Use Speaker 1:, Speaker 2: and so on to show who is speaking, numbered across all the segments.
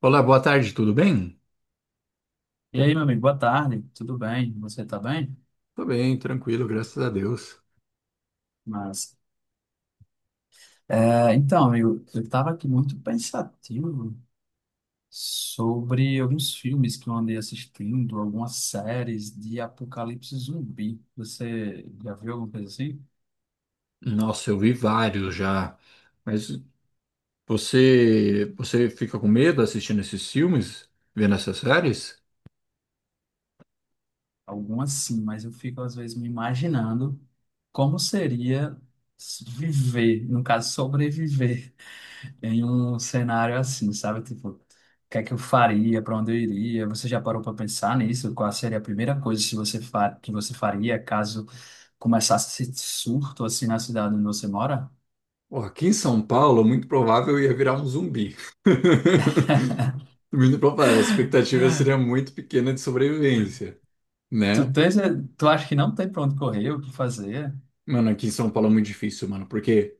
Speaker 1: Olá, boa tarde, tudo bem?
Speaker 2: E aí, meu amigo, boa tarde, tudo bem? Você tá bem?
Speaker 1: Tô bem, tranquilo, graças a Deus.
Speaker 2: Mas, amigo, eu tava aqui muito pensativo sobre alguns filmes que eu andei assistindo, algumas séries de apocalipse zumbi. Você já viu alguma coisa assim?
Speaker 1: Nossa, eu vi vários já. Mas você fica com medo assistindo esses filmes, vendo essas séries?
Speaker 2: Algumas sim, mas eu fico às vezes me imaginando como seria viver, no caso, sobreviver em um cenário assim, sabe? Tipo, o que é que eu faria, para onde eu iria? Você já parou para pensar nisso? Qual seria a primeira coisa se você fa que você faria caso começasse esse surto assim na cidade onde você mora?
Speaker 1: Ó, aqui em São Paulo, muito provável eu ia virar um zumbi. Muito provável, a expectativa seria muito pequena de sobrevivência,
Speaker 2: Tu
Speaker 1: né?
Speaker 2: tens, tu acha que não tem para onde correr, o que fazer?
Speaker 1: Mano, aqui em São Paulo é muito difícil, mano, porque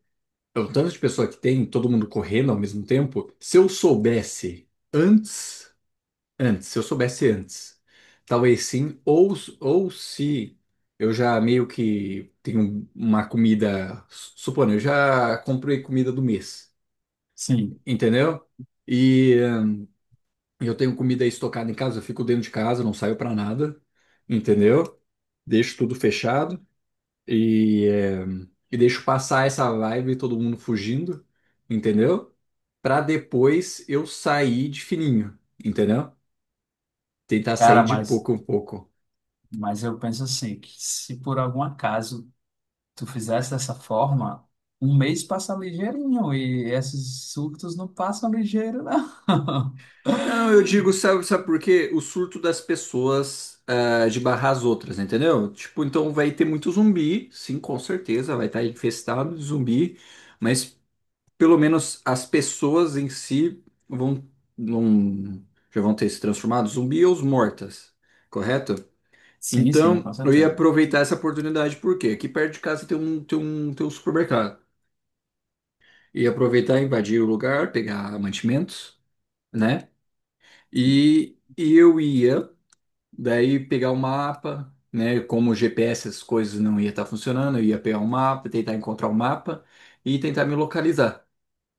Speaker 1: é o tanto de pessoa que tem, todo mundo correndo ao mesmo tempo. Se eu soubesse antes. Antes, se eu soubesse antes, talvez sim, ou, ou se eu já meio que tenho uma comida, supondo, eu já comprei comida do mês,
Speaker 2: Sim,
Speaker 1: entendeu? E eu tenho comida estocada em casa, eu fico dentro de casa, não saio pra nada, entendeu? Deixo tudo fechado e, e deixo passar essa vibe, todo mundo fugindo, entendeu? Pra depois eu sair de fininho, entendeu? Tentar
Speaker 2: cara,
Speaker 1: sair de
Speaker 2: mas
Speaker 1: pouco em pouco.
Speaker 2: mas eu penso assim, que se por algum acaso tu fizesse dessa forma, um mês passa ligeirinho e esses surtos não passam ligeiro, não.
Speaker 1: Não, eu digo, sabe, sabe por quê? O surto das pessoas ah, de barrar as outras, entendeu? Tipo, então vai ter muito zumbi, sim, com certeza, vai estar infestado de zumbi, mas pelo menos as pessoas em si vão, não, já vão ter se transformado zumbi ou os mortas, correto?
Speaker 2: Sim, sim,
Speaker 1: Então,
Speaker 2: com
Speaker 1: eu ia
Speaker 2: certeza.
Speaker 1: aproveitar essa oportunidade, porque quê? Aqui perto de casa tem um supermercado. Ia aproveitar, invadir o lugar, pegar mantimentos, né? E eu ia. Daí pegar o mapa, né? Como o GPS as coisas não ia estar funcionando, eu ia pegar o mapa, tentar encontrar o mapa e tentar me localizar,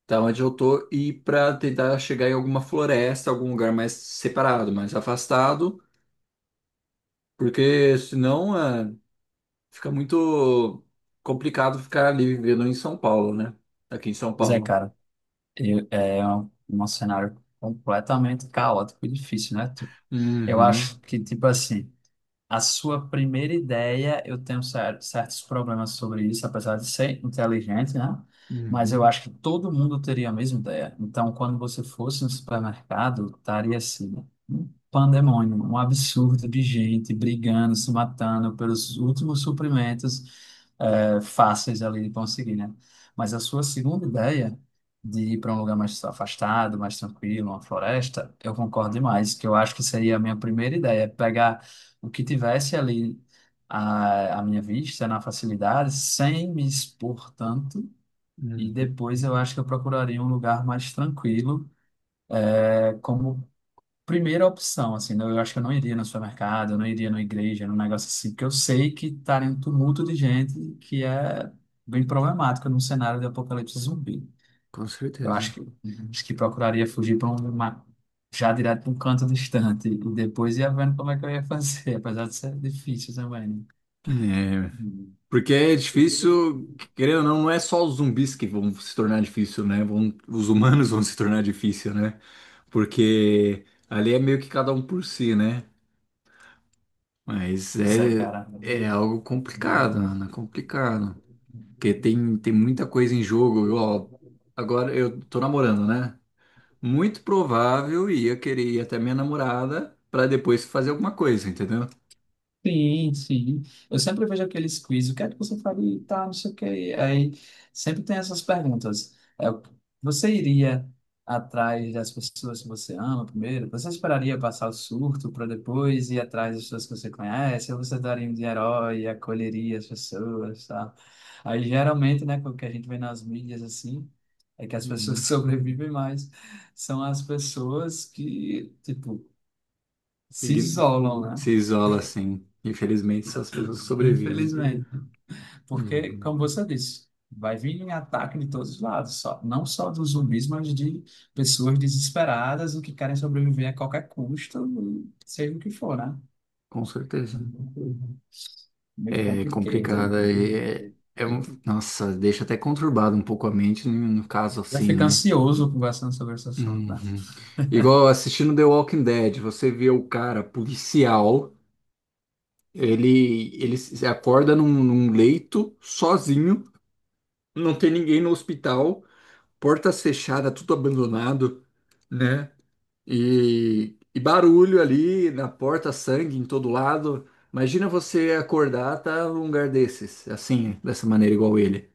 Speaker 1: tá? Onde eu tô e para tentar chegar em alguma floresta, algum lugar mais separado, mais afastado, porque senão é, fica muito complicado ficar ali vivendo em São Paulo, né? Aqui em São
Speaker 2: Pois é,
Speaker 1: Paulo.
Speaker 2: cara, é um cenário completamente caótico e difícil, né? Eu
Speaker 1: Uhum,
Speaker 2: acho que, tipo assim, a sua primeira ideia, eu tenho certos problemas sobre isso, apesar de ser inteligente, né? Mas eu
Speaker 1: uhum,
Speaker 2: acho que todo mundo teria a mesma ideia. Então, quando você fosse no supermercado, estaria assim, um pandemônio, um absurdo de gente brigando, se matando pelos últimos suprimentos, fáceis ali de conseguir, né? Mas a sua segunda ideia de ir para um lugar mais afastado, mais tranquilo, uma floresta, eu concordo demais, que eu acho que seria a minha primeira ideia, pegar o que tivesse ali à minha vista, na facilidade, sem me expor tanto. E
Speaker 1: uhum,
Speaker 2: depois eu acho que eu procuraria um lugar mais tranquilo, é, como primeira opção, assim, eu acho que eu não iria no supermercado, eu não iria numa igreja, num negócio assim, porque eu sei que estaria um tumulto de gente que é bem problemático num cenário de apocalipse zumbi.
Speaker 1: com
Speaker 2: Eu
Speaker 1: certeza.
Speaker 2: acho que, acho que procuraria fugir para uma, já direto para um canto distante, e depois ia vendo como é que eu ia fazer, apesar de ser difícil também.
Speaker 1: É.
Speaker 2: Né?
Speaker 1: Porque é difícil, querendo ou não, não é só os zumbis que vão se tornar difícil, né? Vão, os humanos vão se tornar difícil, né? Porque ali é meio que cada um por si, né? Mas
Speaker 2: Zé,
Speaker 1: é,
Speaker 2: cara.
Speaker 1: é algo complicado, mano, é complicado. Porque tem muita coisa em jogo. Ó, agora eu tô namorando, né? Muito provável ia querer ir até minha namorada pra depois fazer alguma coisa, entendeu?
Speaker 2: Sim, sim. Eu sempre vejo aqueles quiz, o que é que você faria e tal, não sei o quê. Aí sempre tem essas perguntas. Você iria atrás das pessoas que você ama primeiro? Você esperaria passar o surto para depois ir atrás das pessoas que você conhece? Ou você daria um de herói e acolheria as pessoas, tá? Aí geralmente, né, o que a gente vê nas mídias assim, é que as pessoas
Speaker 1: Uhum.
Speaker 2: sobrevivem mais. São as pessoas que, tipo, se
Speaker 1: Ign-
Speaker 2: isolam, né?
Speaker 1: Se isola assim. Infelizmente, só as pessoas que sobrevivem.
Speaker 2: Infelizmente. Porque,
Speaker 1: Uhum.
Speaker 2: como você disse, vai vir ataque de todos os lados, só, não só dos zumbis, mas de pessoas desesperadas e que querem sobreviver a qualquer custo, seja o que for, né?
Speaker 1: Com certeza.
Speaker 2: Meio
Speaker 1: É
Speaker 2: complicado.
Speaker 1: complicada. É, nossa, deixa até conturbado um pouco a mente no, no caso
Speaker 2: Já
Speaker 1: assim,
Speaker 2: fica
Speaker 1: né?
Speaker 2: ansioso conversando sobre esse assunto.
Speaker 1: Uhum. Igual assistindo The Walking Dead, você vê o cara policial, ele se acorda num, num leito, sozinho, não tem ninguém no hospital, portas fechadas, tudo abandonado, né? E barulho ali na porta, sangue em todo lado. Imagina você acordar, tá num lugar desses, assim, dessa maneira, igual ele.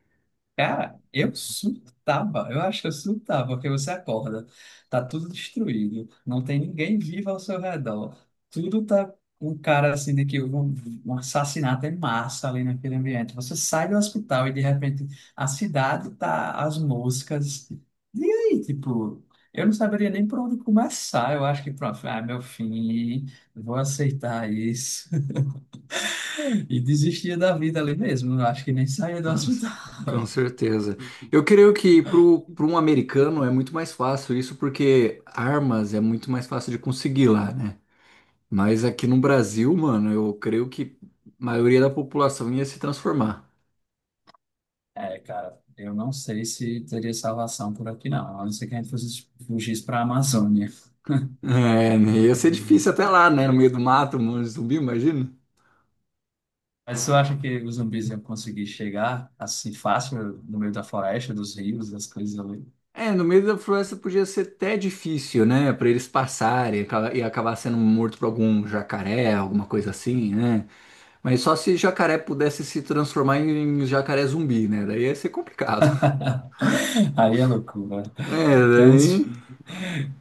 Speaker 2: Cara, eu surtava, eu acho que eu surtava, porque você acorda, tá tudo destruído, não tem ninguém vivo ao seu redor, tudo tá um cara assim de que houve um assassinato em massa ali naquele ambiente. Você sai do hospital e de repente a cidade tá as moscas. E aí, tipo, eu não saberia nem por onde começar. Eu acho que pronto, ah, meu fim, vou aceitar isso. E desistia da vida ali mesmo. Eu acho que nem saía do
Speaker 1: Tá?
Speaker 2: hospital.
Speaker 1: Com certeza. Eu creio que para um americano é muito mais fácil isso, porque armas é muito mais fácil de conseguir lá, né? Mas aqui no Brasil, mano, eu creio que a maioria da população ia se transformar.
Speaker 2: É, cara, eu não sei se teria salvação por aqui, não. A não ser que a gente fosse fugisse para a Amazônia.
Speaker 1: É, né? Ia ser
Speaker 2: Uhum.
Speaker 1: difícil até lá, né? No meio do mato, um monte de zumbi, imagina.
Speaker 2: Mas você acha que os zumbis iam conseguir chegar assim fácil no meio da floresta, dos rios, das coisas ali?
Speaker 1: É, no meio da floresta podia ser até difícil, né? Pra eles passarem e e acabar sendo morto por algum jacaré, alguma coisa assim, né? Mas só se jacaré pudesse se transformar em jacaré zumbi, né? Daí ia ser complicado.
Speaker 2: Aí é loucura.
Speaker 1: É,
Speaker 2: Tem uns,
Speaker 1: daí.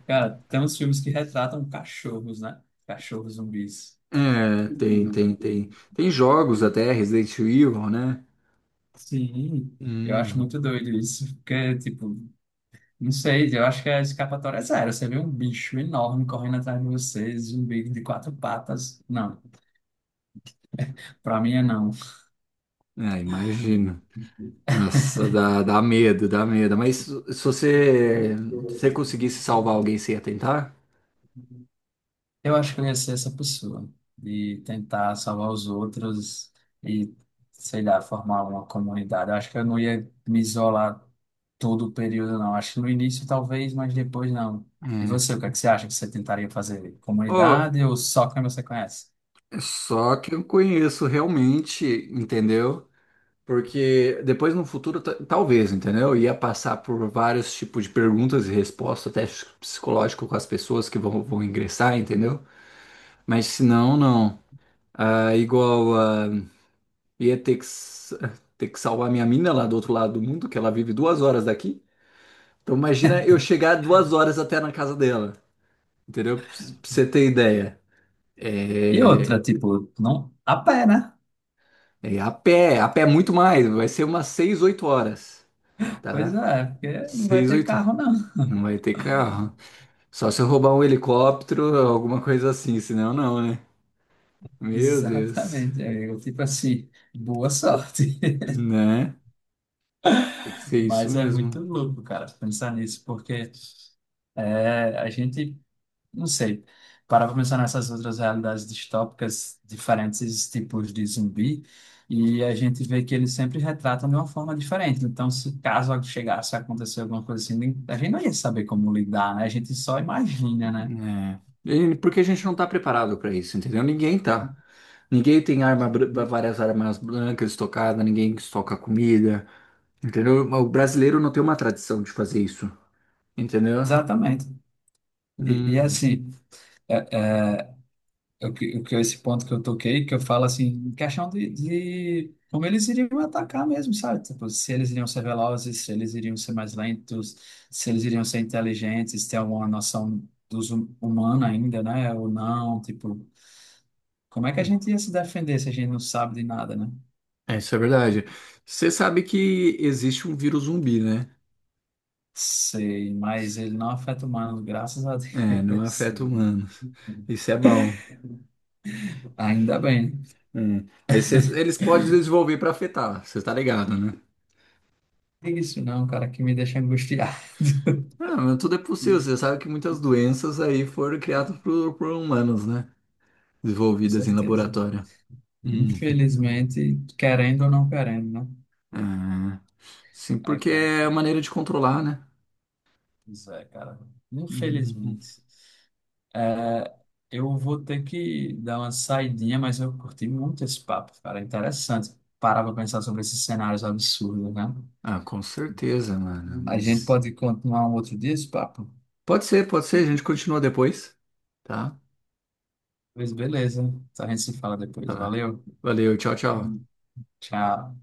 Speaker 2: cara, tem uns filmes que retratam cachorros, né? Cachorros zumbis.
Speaker 1: É, tem,
Speaker 2: Uhum.
Speaker 1: tem, tem. Tem jogos até, Resident Evil, né?
Speaker 2: Sim, eu acho
Speaker 1: Hum,
Speaker 2: muito doido isso, porque, tipo, não sei, eu acho que a escapatória é zero. Você vê um bicho enorme correndo atrás de você, zumbi de quatro patas. Não, pra mim é não.
Speaker 1: é, imagino. Nossa, dá medo, dá medo. Mas se você conseguisse salvar alguém, você ia tentar?
Speaker 2: Eu acho que eu ia ser essa pessoa, de tentar salvar os outros e, sei lá, formar uma comunidade. Eu acho que eu não ia me isolar todo o período, não. Acho que no início talvez, mas depois não. E
Speaker 1: É.
Speaker 2: você, o que é que você acha que você tentaria fazer?
Speaker 1: Ô,
Speaker 2: Comunidade ou só quem você conhece?
Speaker 1: é só que eu conheço realmente, entendeu? Porque depois no futuro, talvez, entendeu? Ia passar por vários tipos de perguntas e respostas, teste psicológico com as pessoas que vão ingressar, entendeu? Mas se não, não. Ah, igual, ah, ia ter que, ter que salvar minha mina lá do outro lado do mundo, que ela vive duas horas daqui. Então imagina eu chegar duas horas até na casa dela, entendeu? Pra você ter ideia.
Speaker 2: E
Speaker 1: É,
Speaker 2: outra, tipo, não a pé, né?
Speaker 1: é a pé muito mais, vai ser umas 6 8 horas,
Speaker 2: Pois
Speaker 1: tá?
Speaker 2: é, é porque não vai
Speaker 1: 6
Speaker 2: ter
Speaker 1: 8
Speaker 2: carro, não.
Speaker 1: Não vai ter carro. Só se eu roubar um helicóptero, alguma coisa assim, senão não, né? Meu Deus,
Speaker 2: Exatamente, amigo. Tipo assim, boa sorte.
Speaker 1: né? Tem que ser isso
Speaker 2: Mas é
Speaker 1: mesmo.
Speaker 2: muito louco, cara, pensar nisso, porque é, a gente, não sei, parar para pensar nessas outras realidades distópicas, diferentes tipos de zumbi, e a gente vê que eles sempre retratam de uma forma diferente. Então, se caso chegasse a acontecer alguma coisa assim, a gente não ia saber como lidar, né? A gente só imagina, né?
Speaker 1: Né? Porque a gente não tá preparado para isso, entendeu? Ninguém tá. Ninguém tem arma, várias armas brancas estocadas, ninguém estoca comida, entendeu? O brasileiro não tem uma tradição de fazer isso, entendeu?
Speaker 2: Exatamente. E, e
Speaker 1: Hum,
Speaker 2: assim. O o que é esse ponto que eu toquei, que eu falo assim, em questão de como eles iriam atacar mesmo, sabe? Tipo, se eles iriam ser velozes, se eles iriam ser mais lentos, se eles iriam ser inteligentes, ter alguma noção dos humana ainda, né? Ou não, tipo, como é que a gente ia se defender se a gente não sabe de nada, né?
Speaker 1: É, isso é verdade. Você sabe que existe um vírus zumbi, né?
Speaker 2: Sei, mas ele não afeta humanos, graças a
Speaker 1: É, não
Speaker 2: Deus.
Speaker 1: afeta humanos. Isso é bom.
Speaker 2: Ainda bem.
Speaker 1: Hum. Mas eles podem desenvolver para afetar, você tá ligado, né?
Speaker 2: Isso não, cara, que me deixa angustiado.
Speaker 1: Ah, mas tudo é possível.
Speaker 2: Com
Speaker 1: Você sabe que muitas doenças aí foram criadas por humanos, né? Desenvolvidas em
Speaker 2: certeza.
Speaker 1: laboratório. Uhum.
Speaker 2: Infelizmente, querendo ou não querendo, né?
Speaker 1: Ah, sim,
Speaker 2: É,
Speaker 1: porque
Speaker 2: cara.
Speaker 1: é a maneira de controlar, né?
Speaker 2: Isso é, cara.
Speaker 1: Uhum.
Speaker 2: Infelizmente. É, eu vou ter que dar uma saidinha, mas eu curti muito esse papo, cara. Interessante. Parar pra pensar sobre esses cenários absurdos, né?
Speaker 1: Ah, com certeza, mano.
Speaker 2: A gente
Speaker 1: Mas...
Speaker 2: pode continuar um outro dia esse papo?
Speaker 1: Pode ser, pode ser. A gente continua depois, tá?
Speaker 2: Pois beleza. A gente se fala depois.
Speaker 1: Tá.
Speaker 2: Valeu.
Speaker 1: Valeu, tchau, tchau.
Speaker 2: Tchau.